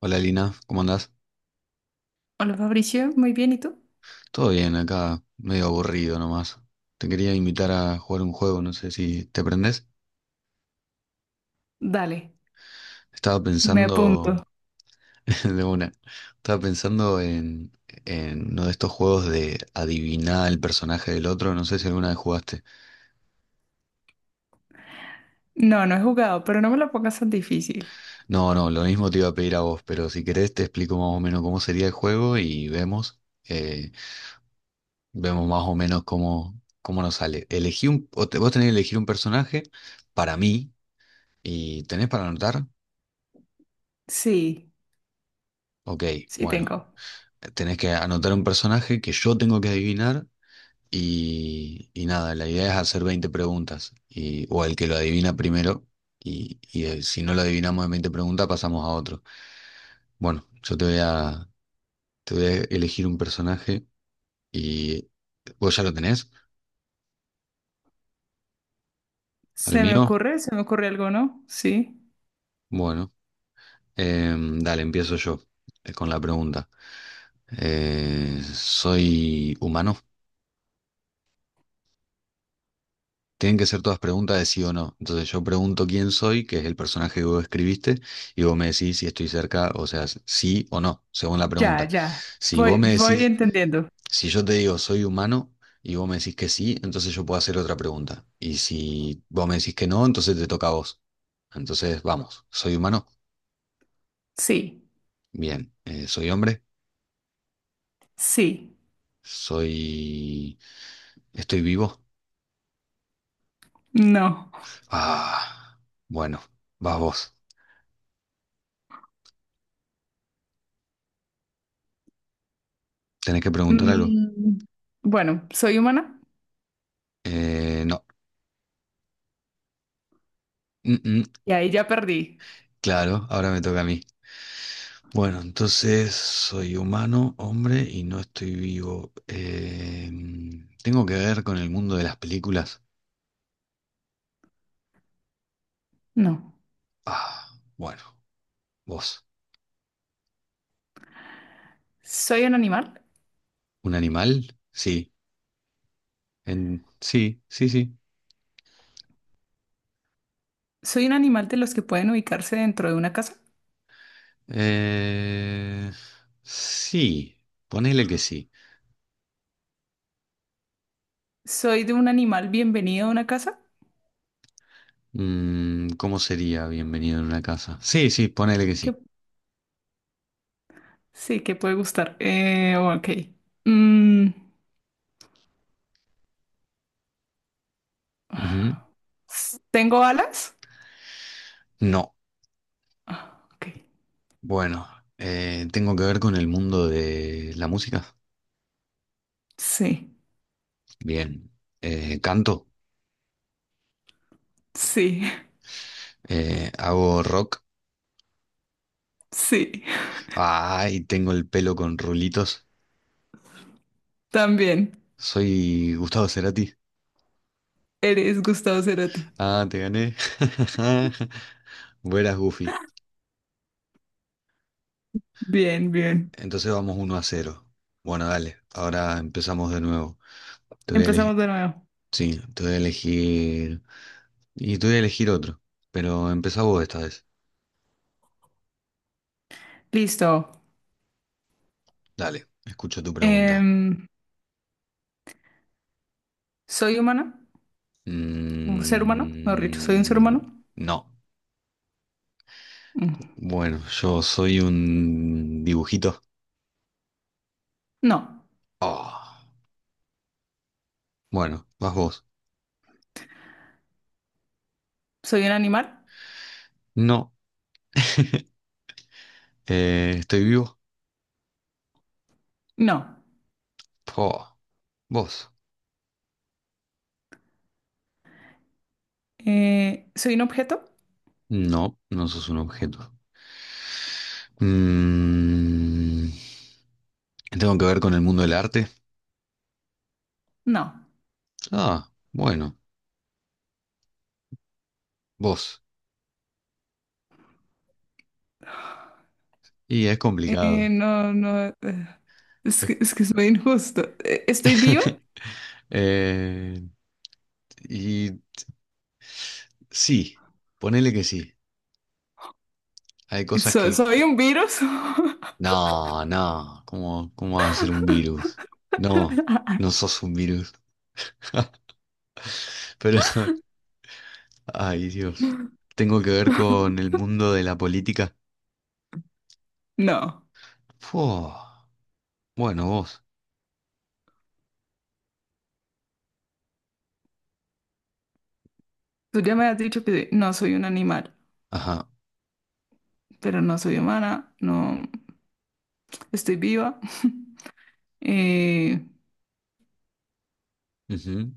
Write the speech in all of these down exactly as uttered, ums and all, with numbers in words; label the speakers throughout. Speaker 1: Hola Lina, ¿cómo andás?
Speaker 2: Hola Fabricio, muy bien, ¿y tú?
Speaker 1: Todo bien, acá medio aburrido nomás. Te quería invitar a jugar un juego, no sé si te prendés.
Speaker 2: Dale,
Speaker 1: Estaba
Speaker 2: me apunto.
Speaker 1: pensando de una. Estaba pensando en, en uno de estos juegos de adivinar el personaje del otro, no sé si alguna vez jugaste.
Speaker 2: No, no he jugado, pero no me lo pongas tan difícil.
Speaker 1: No, no, lo mismo te iba a pedir a vos, pero si querés te explico más o menos cómo sería el juego y vemos, eh, vemos más o menos cómo, cómo nos sale. Elegí un, o te- vos tenés que elegir un personaje para mí y tenés para anotar.
Speaker 2: Sí,
Speaker 1: Ok,
Speaker 2: sí
Speaker 1: bueno,
Speaker 2: tengo.
Speaker 1: tenés que anotar un personaje que yo tengo que adivinar y, y nada, la idea es hacer veinte preguntas y, o el que lo adivina primero y, y, eh, si no lo adivinamos en veinte preguntas pasamos a otro. Bueno, yo te voy a, te voy a elegir un personaje y vos ya lo tenés, al
Speaker 2: ¿Se me
Speaker 1: mío.
Speaker 2: ocurre? ¿Se me ocurre algo, no? Sí.
Speaker 1: Bueno, em, dale, empiezo yo eh, con la pregunta. Eh, ¿soy humano? Tienen que ser todas preguntas de sí o no. Entonces yo pregunto quién soy, que es el personaje que vos escribiste, y vos me decís si estoy cerca, o sea, sí o no, según la
Speaker 2: Ya,
Speaker 1: pregunta.
Speaker 2: ya.
Speaker 1: Si vos
Speaker 2: Voy,
Speaker 1: me
Speaker 2: voy
Speaker 1: decís,
Speaker 2: entendiendo.
Speaker 1: si yo te digo soy humano y vos me decís que sí, entonces yo puedo hacer otra pregunta. Y si vos me decís que no, entonces te toca a vos. Entonces, vamos, soy humano.
Speaker 2: Sí,
Speaker 1: Bien. Eh, soy hombre,
Speaker 2: sí,
Speaker 1: soy... estoy vivo.
Speaker 2: no.
Speaker 1: Ah, bueno, vas vos. Tenés que preguntar algo.
Speaker 2: Mm, bueno, ¿soy humana?
Speaker 1: Eh, no. Mm, mm.
Speaker 2: Y ahí ya perdí.
Speaker 1: Claro, ahora me toca a mí. Bueno, entonces soy humano, hombre, y no estoy vivo. Eh, ¿tengo que ver con el mundo de las películas?
Speaker 2: No.
Speaker 1: Ah, bueno, vos.
Speaker 2: ¿Soy un animal?
Speaker 1: ¿Un animal? Sí. En... Sí, sí, sí.
Speaker 2: ¿Soy un animal de los que pueden ubicarse dentro de una casa?
Speaker 1: Eh, sí, ponele que sí.
Speaker 2: ¿Soy de un animal bienvenido a una casa?
Speaker 1: Mm, ¿cómo sería bienvenido en una casa? Sí, sí, ponele que
Speaker 2: ¿Qué?
Speaker 1: sí.
Speaker 2: Sí, que puede gustar. Eh, ok. Mm,
Speaker 1: Ujú.
Speaker 2: s- ¿tengo alas?
Speaker 1: No.
Speaker 2: Ok.
Speaker 1: Bueno, eh, ¿tengo que ver con el mundo de la música?
Speaker 2: Sí,
Speaker 1: Bien. Eh, canto,
Speaker 2: sí,
Speaker 1: eh, hago rock.
Speaker 2: sí.
Speaker 1: Ay, tengo el pelo con rulitos.
Speaker 2: También.
Speaker 1: Soy Gustavo Cerati.
Speaker 2: Eres Gustavo Cerati.
Speaker 1: Ah, te gané. Buenas, Goofy.
Speaker 2: Bien, bien.
Speaker 1: Entonces vamos uno a cero. Bueno, dale, ahora empezamos de nuevo. Te voy a
Speaker 2: Empezamos
Speaker 1: elegir.
Speaker 2: de nuevo.
Speaker 1: Sí, te voy a elegir. Y te voy a elegir otro. Pero empezá vos esta vez.
Speaker 2: Listo.
Speaker 1: Dale, escucho tu pregunta.
Speaker 2: Em, ¿soy humana? ¿Un ser humano? Mejor dicho, ¿soy un ser
Speaker 1: Mm,
Speaker 2: humano?
Speaker 1: no.
Speaker 2: Mm,
Speaker 1: Bueno, yo soy un dibujito.
Speaker 2: no.
Speaker 1: Ah, bueno, vas vos.
Speaker 2: ¿Soy un animal?
Speaker 1: No, eh, estoy vivo.
Speaker 2: No.
Speaker 1: Oh, vos.
Speaker 2: Eh, ¿soy un objeto?
Speaker 1: No, no sos un objeto. Mm, ¿Tengo que ver con el mundo del arte?
Speaker 2: No.
Speaker 1: Ah, bueno, vos. Y es
Speaker 2: Eh,
Speaker 1: complicado.
Speaker 2: no, no. eh, Es
Speaker 1: Es-
Speaker 2: que, es que es muy injusto. Eh, ¿Estoy viva?
Speaker 1: Eh, y sí, ponele que sí. Hay cosas
Speaker 2: ¿So-
Speaker 1: que
Speaker 2: ¿Soy un virus?
Speaker 1: No, no, ¿cómo, cómo vas a ser un virus. No, no sos un virus. Pero, ay Dios, tengo que ver con el mundo de la política.
Speaker 2: No.
Speaker 1: Fu. Bueno, vos.
Speaker 2: Tú ya me has dicho que no soy un animal,
Speaker 1: Ajá.
Speaker 2: pero no soy humana, no estoy viva. Eh,
Speaker 1: Ujú.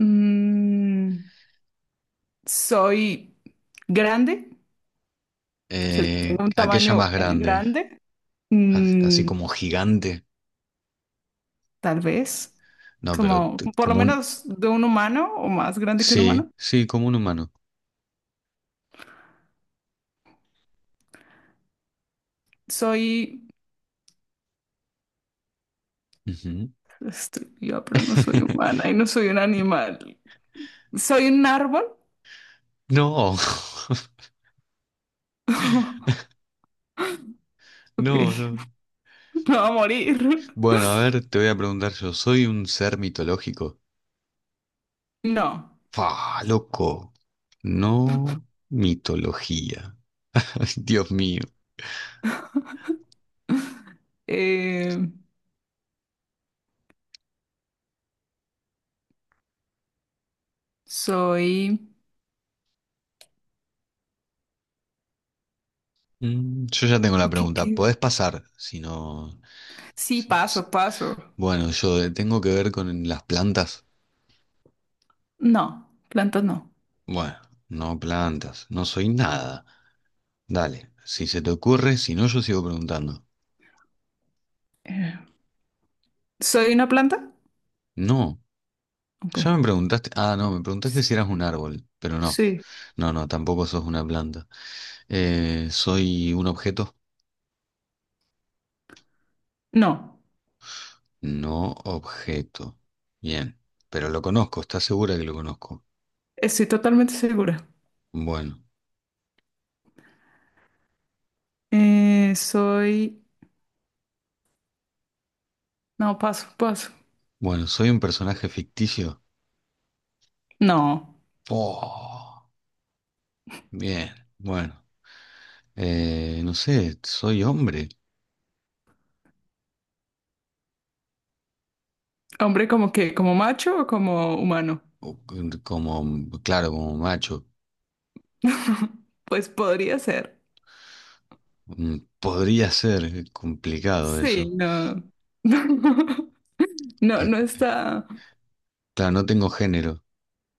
Speaker 2: mm, soy grande, o sea,
Speaker 1: Eh,
Speaker 2: tengo un
Speaker 1: aquella
Speaker 2: tamaño
Speaker 1: más
Speaker 2: eh,
Speaker 1: grande,
Speaker 2: grande.
Speaker 1: as- así
Speaker 2: Mm,
Speaker 1: como gigante.
Speaker 2: tal vez,
Speaker 1: No, pero
Speaker 2: como
Speaker 1: t-
Speaker 2: por lo
Speaker 1: como un...
Speaker 2: menos de un humano o más grande que un
Speaker 1: Sí,
Speaker 2: humano.
Speaker 1: sí, como un humano.
Speaker 2: Soy,
Speaker 1: Ujú.
Speaker 2: estoy viva, pero no soy humana y no soy un animal. ¿Soy un árbol?
Speaker 1: No,
Speaker 2: Ok,
Speaker 1: no, no.
Speaker 2: me va a morir.
Speaker 1: Bueno, a ver, te voy a preguntar yo, ¿soy un ser mitológico?
Speaker 2: No,
Speaker 1: ¡Fa, loco! No mitología. Ay, Dios mío.
Speaker 2: eh, soy...
Speaker 1: Mm, Yo ya tengo la
Speaker 2: ¿qué,
Speaker 1: pregunta.
Speaker 2: qué?
Speaker 1: ¿Podés pasar si no...?
Speaker 2: Sí,
Speaker 1: si- si-
Speaker 2: paso, paso.
Speaker 1: Bueno, yo de- tengo que ver con las plantas.
Speaker 2: No, planta no.
Speaker 1: Bueno, no plantas. No soy nada. Dale, si se te ocurre, si no, yo sigo preguntando.
Speaker 2: Eh, ¿soy una planta?
Speaker 1: No,
Speaker 2: Ok.
Speaker 1: ya me preguntaste... Ah, no, me preguntaste si eras un árbol, pero no.
Speaker 2: Sí.
Speaker 1: No, no, tampoco sos una planta. Eh, ¿soy un objeto?
Speaker 2: No,
Speaker 1: No objeto. Bien, pero lo conozco, ¿estás segura que lo conozco?
Speaker 2: estoy totalmente segura.
Speaker 1: Bueno,
Speaker 2: Eh, soy... No, paso, paso.
Speaker 1: bueno, soy un personaje ficticio.
Speaker 2: No.
Speaker 1: Oh, bien, bueno, eh, no sé, soy hombre,
Speaker 2: Hombre, como que, como macho o como humano.
Speaker 1: o como, claro, como macho.
Speaker 2: Pues podría ser.
Speaker 1: Mm, Podría ser, eh, complicado
Speaker 2: Sí,
Speaker 1: eso.
Speaker 2: no. No,
Speaker 1: Eh,
Speaker 2: no está.
Speaker 1: claro, no tengo género.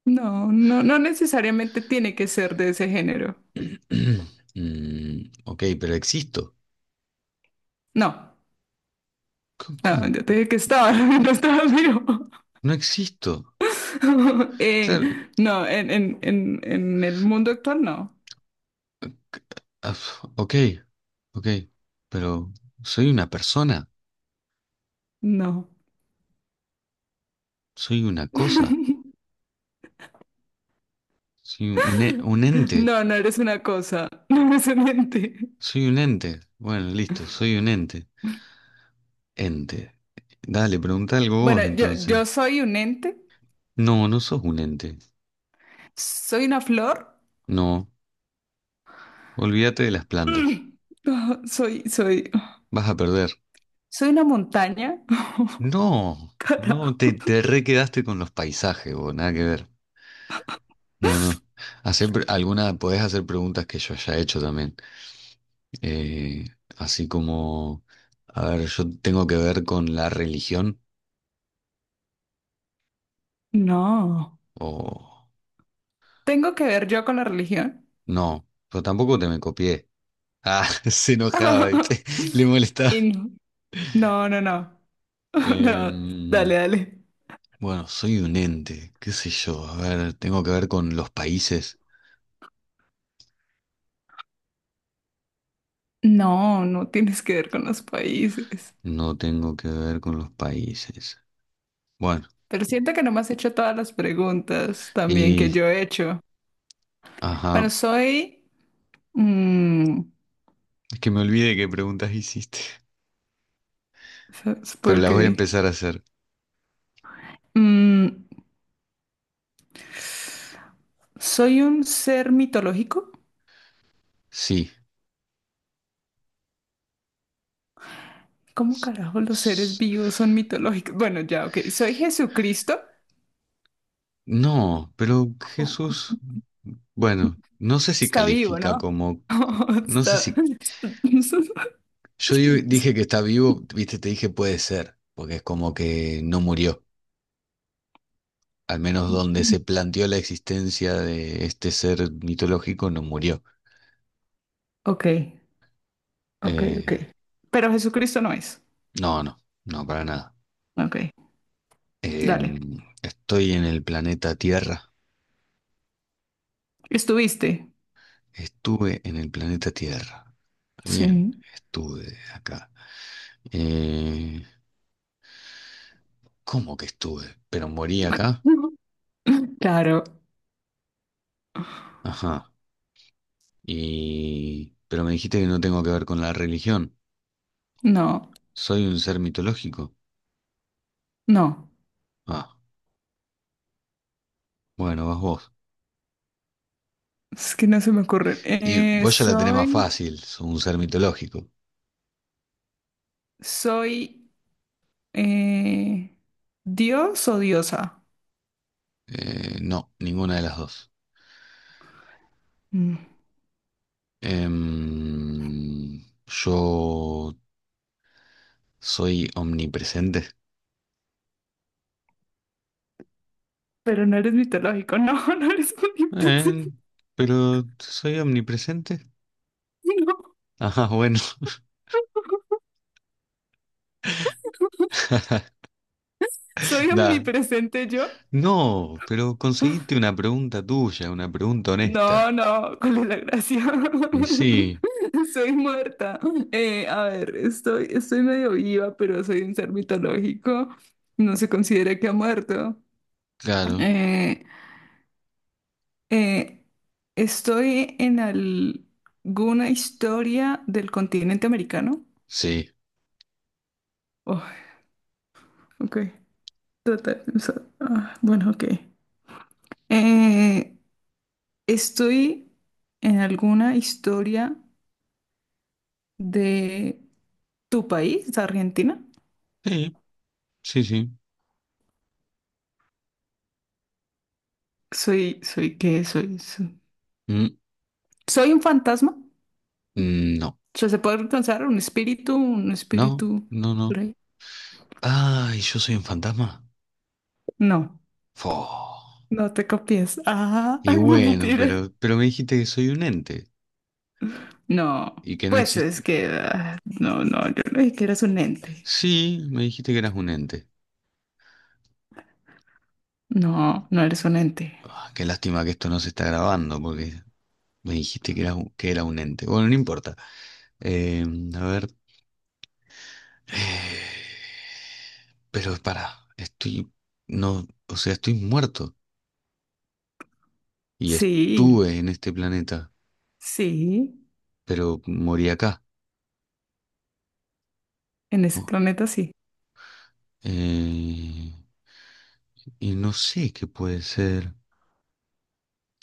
Speaker 2: No, no, no necesariamente tiene que ser de ese género.
Speaker 1: Mm, ok, pero existo.
Speaker 2: No,
Speaker 1: C-
Speaker 2: no,
Speaker 1: ¿Cómo?
Speaker 2: yo te dije que estaba, no estaba vivo.
Speaker 1: No existo.
Speaker 2: Eh,
Speaker 1: Claro,
Speaker 2: no, en, en, en, en el mundo actual no,
Speaker 1: c- ah, ok, Ok, pero soy una persona,
Speaker 2: no.
Speaker 1: soy una cosa, soy un, e- un ente,
Speaker 2: No, no eres una cosa, no eres un ente.
Speaker 1: soy un ente. Bueno, listo, soy un ente. Ente. Dale, pregunta algo
Speaker 2: Bueno,
Speaker 1: vos
Speaker 2: yo,
Speaker 1: entonces.
Speaker 2: yo soy un ente,
Speaker 1: No, no sos un ente.
Speaker 2: soy una flor,
Speaker 1: No, olvídate de las plantas.
Speaker 2: soy, soy,
Speaker 1: Vas a perder.
Speaker 2: soy una montaña.
Speaker 1: No, no,
Speaker 2: Carajo.
Speaker 1: te, te re quedaste con los paisajes, vos, nada que ver. No, no. Hacer pre- alguna, podés hacer preguntas que yo haya hecho también. Eh, Así como, a ver, yo tengo que ver con la religión.
Speaker 2: No.
Speaker 1: O
Speaker 2: ¿Tengo que ver yo con la religión?
Speaker 1: No, pero tampoco te me copié. Ah, se enojaba, ¿viste? Le molestaba.
Speaker 2: Y no, no, no, no, no, dale,
Speaker 1: Em,
Speaker 2: dale.
Speaker 1: bueno, soy un ente, qué sé yo. A ver, tengo que ver con los países.
Speaker 2: No, no tienes que ver con los países.
Speaker 1: No tengo que ver con los países. Bueno,
Speaker 2: Pero siento que no me has hecho todas las preguntas también que
Speaker 1: y...
Speaker 2: yo he hecho.
Speaker 1: Ajá,
Speaker 2: Bueno, soy... mm,
Speaker 1: es que me olvidé qué preguntas hiciste.
Speaker 2: so- supongo
Speaker 1: Pero las voy a
Speaker 2: que...
Speaker 1: empezar a hacer.
Speaker 2: mm, soy un ser mitológico.
Speaker 1: Sí.
Speaker 2: ¿Cómo
Speaker 1: S-
Speaker 2: carajo los seres
Speaker 1: s-
Speaker 2: vivos son mitológicos? Bueno, ya, ok. Soy Jesucristo.
Speaker 1: No, pero
Speaker 2: Oh,
Speaker 1: Jesús... Bueno, no sé si
Speaker 2: ¿está vivo,
Speaker 1: califica
Speaker 2: no?
Speaker 1: como... co- No sé
Speaker 2: Está...
Speaker 1: si... Yo di- dije que está vivo, viste, te dije puede ser, porque es como que no murió. Al menos donde se planteó la existencia de este ser mitológico, no murió.
Speaker 2: Ok, ok, ok.
Speaker 1: Eh,
Speaker 2: Pero Jesucristo no es.
Speaker 1: no, no, no, para nada.
Speaker 2: Ok,
Speaker 1: Eh,
Speaker 2: dale.
Speaker 1: Estoy en el planeta Tierra.
Speaker 2: ¿Estuviste?
Speaker 1: Estuve en el planeta Tierra. Bien,
Speaker 2: Sí.
Speaker 1: estuve acá. Eh, ¿Cómo que estuve? ¿Pero morí acá?
Speaker 2: Claro.
Speaker 1: Ajá. Y... Pero me dijiste que no tengo que ver con la religión.
Speaker 2: No,
Speaker 1: ¿Soy un ser mitológico?
Speaker 2: no.
Speaker 1: Ah, bueno, vas vos.
Speaker 2: Es que no se me ocurre.
Speaker 1: Y
Speaker 2: Eh,
Speaker 1: vos ya la tenés más
Speaker 2: soy,
Speaker 1: fácil, sos un ser mitológico.
Speaker 2: soy eh, Dios o diosa.
Speaker 1: Eh, no, ninguna de las dos.
Speaker 2: Mm.
Speaker 1: Em, yo soy omnipresente.
Speaker 2: Pero no eres mitológico. No, no eres
Speaker 1: Eh,
Speaker 2: omnipresente.
Speaker 1: pero soy omnipresente.
Speaker 2: No.
Speaker 1: Ajá, bueno.
Speaker 2: ¿Soy
Speaker 1: Da.
Speaker 2: omnipresente yo?
Speaker 1: No, pero conseguiste una pregunta tuya, una pregunta honesta.
Speaker 2: No, no, ¿cuál es la gracia?
Speaker 1: Y sí,
Speaker 2: Soy muerta. Eh, a ver, estoy, estoy medio viva, pero soy un ser mitológico. No se considera que ha muerto.
Speaker 1: claro,
Speaker 2: Eh, eh, estoy en al- alguna historia del continente americano.
Speaker 1: sí.
Speaker 2: Oh, ok. Tratar de pensar. Ah, bueno, ok. Eh, estoy en alguna historia de tu país, Argentina.
Speaker 1: Sí, sí, sí.
Speaker 2: Soy, soy, ¿qué soy? Soy,
Speaker 1: Mm,
Speaker 2: soy un fantasma.
Speaker 1: mm, no,
Speaker 2: O ¿se puede alcanzar un espíritu? ¿Un
Speaker 1: no,
Speaker 2: espíritu?
Speaker 1: no, no.
Speaker 2: ¿por ahí?
Speaker 1: Ay, yo soy un fantasma.
Speaker 2: No,
Speaker 1: Fo.
Speaker 2: no te copies. Ah,
Speaker 1: Y bueno,
Speaker 2: mentira.
Speaker 1: pero, pero me dijiste que soy un ente
Speaker 2: No,
Speaker 1: y que no
Speaker 2: pues es
Speaker 1: existe.
Speaker 2: que... ah, no, no, yo no dije que eres un ente.
Speaker 1: Sí, me dijiste que eras un ente.
Speaker 2: No, no eres un ente.
Speaker 1: Ah, qué lástima que esto no se está grabando porque me dijiste que eras un- que era un ente. Bueno, no importa. Eh, a ver. Eh, Pero para, estoy. No, o sea, estoy muerto y
Speaker 2: Sí,
Speaker 1: estuve en este planeta,
Speaker 2: sí,
Speaker 1: pero morí acá.
Speaker 2: en ese
Speaker 1: Oh,
Speaker 2: planeta sí.
Speaker 1: eh, y no sé qué puede ser.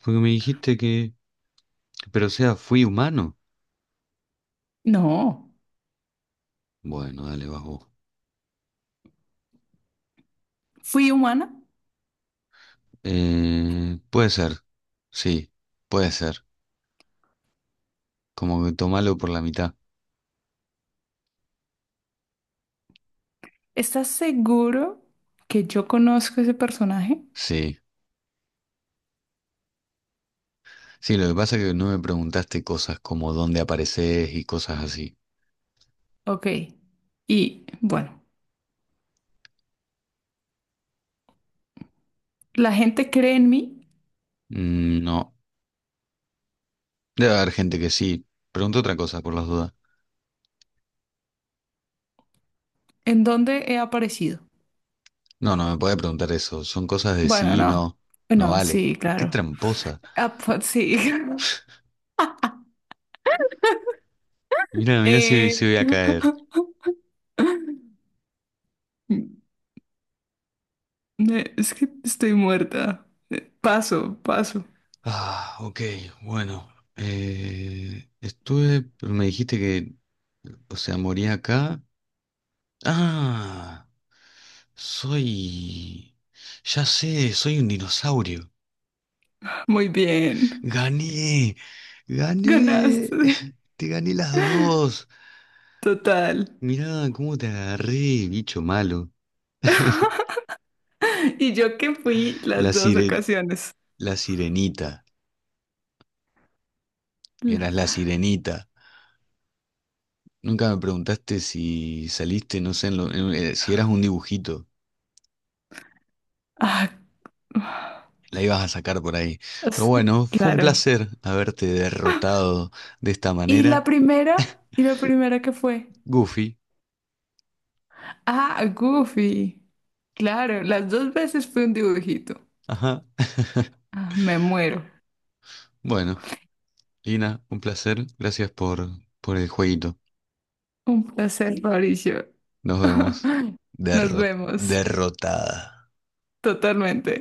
Speaker 1: Porque me dijiste que. Pero o sea, fui humano.
Speaker 2: No,
Speaker 1: Bueno, dale, vas vos.
Speaker 2: fui humana.
Speaker 1: Eh, puede ser, sí, puede ser. Como que tomalo por la mitad.
Speaker 2: ¿Estás seguro que yo conozco ese personaje?
Speaker 1: Sí, sí, lo que pasa es que no me preguntaste cosas como dónde apareces y cosas así.
Speaker 2: Ok, y bueno, la gente cree en mí.
Speaker 1: Mm, No, debe haber gente que sí. Pregunta otra cosa por las dudas.
Speaker 2: ¿En dónde he aparecido?
Speaker 1: No, no me puede preguntar eso. Son cosas de
Speaker 2: Bueno,
Speaker 1: sí y
Speaker 2: no.
Speaker 1: no. No
Speaker 2: Bueno,
Speaker 1: vale.
Speaker 2: sí,
Speaker 1: Qué
Speaker 2: claro.
Speaker 1: tramposa.
Speaker 2: Ah, pues, sí.
Speaker 1: Mira, mira si, si
Speaker 2: Eh,
Speaker 1: voy a
Speaker 2: eh,
Speaker 1: caer.
Speaker 2: Es que estoy muerta. Eh, Paso, paso.
Speaker 1: Ah, ok, bueno. Eh, estuve, pero me dijiste que, o sea, moría acá. Ah, soy... Ya sé, soy un dinosaurio.
Speaker 2: Muy bien.
Speaker 1: Gané, gané.
Speaker 2: Ganaste.
Speaker 1: Te gané las dos.
Speaker 2: Total.
Speaker 1: Mirá cómo te agarré, bicho malo.
Speaker 2: Y yo que fui
Speaker 1: La
Speaker 2: las dos
Speaker 1: sire...
Speaker 2: ocasiones.
Speaker 1: la sirenita.
Speaker 2: La-
Speaker 1: Eras la sirenita. Nunca me preguntaste si saliste, no sé, en lo- en- eh, si eras un dibujito.
Speaker 2: Ah,
Speaker 1: La ibas a sacar por ahí. Pero
Speaker 2: es-
Speaker 1: bueno, fue un
Speaker 2: claro.
Speaker 1: placer haberte derrotado de esta
Speaker 2: ¿Y la
Speaker 1: manera.
Speaker 2: primera? ¿Y la primera qué fue?
Speaker 1: Goofy.
Speaker 2: Ah, Goofy. Claro, las dos veces fue un dibujito.
Speaker 1: Ajá.
Speaker 2: Ah, me muero.
Speaker 1: Bueno. Lina, un placer. Gracias por, por el jueguito.
Speaker 2: Un placer, Mauricio.
Speaker 1: Nos vemos.
Speaker 2: Nos
Speaker 1: Derro-
Speaker 2: vemos
Speaker 1: Derrotada.
Speaker 2: totalmente.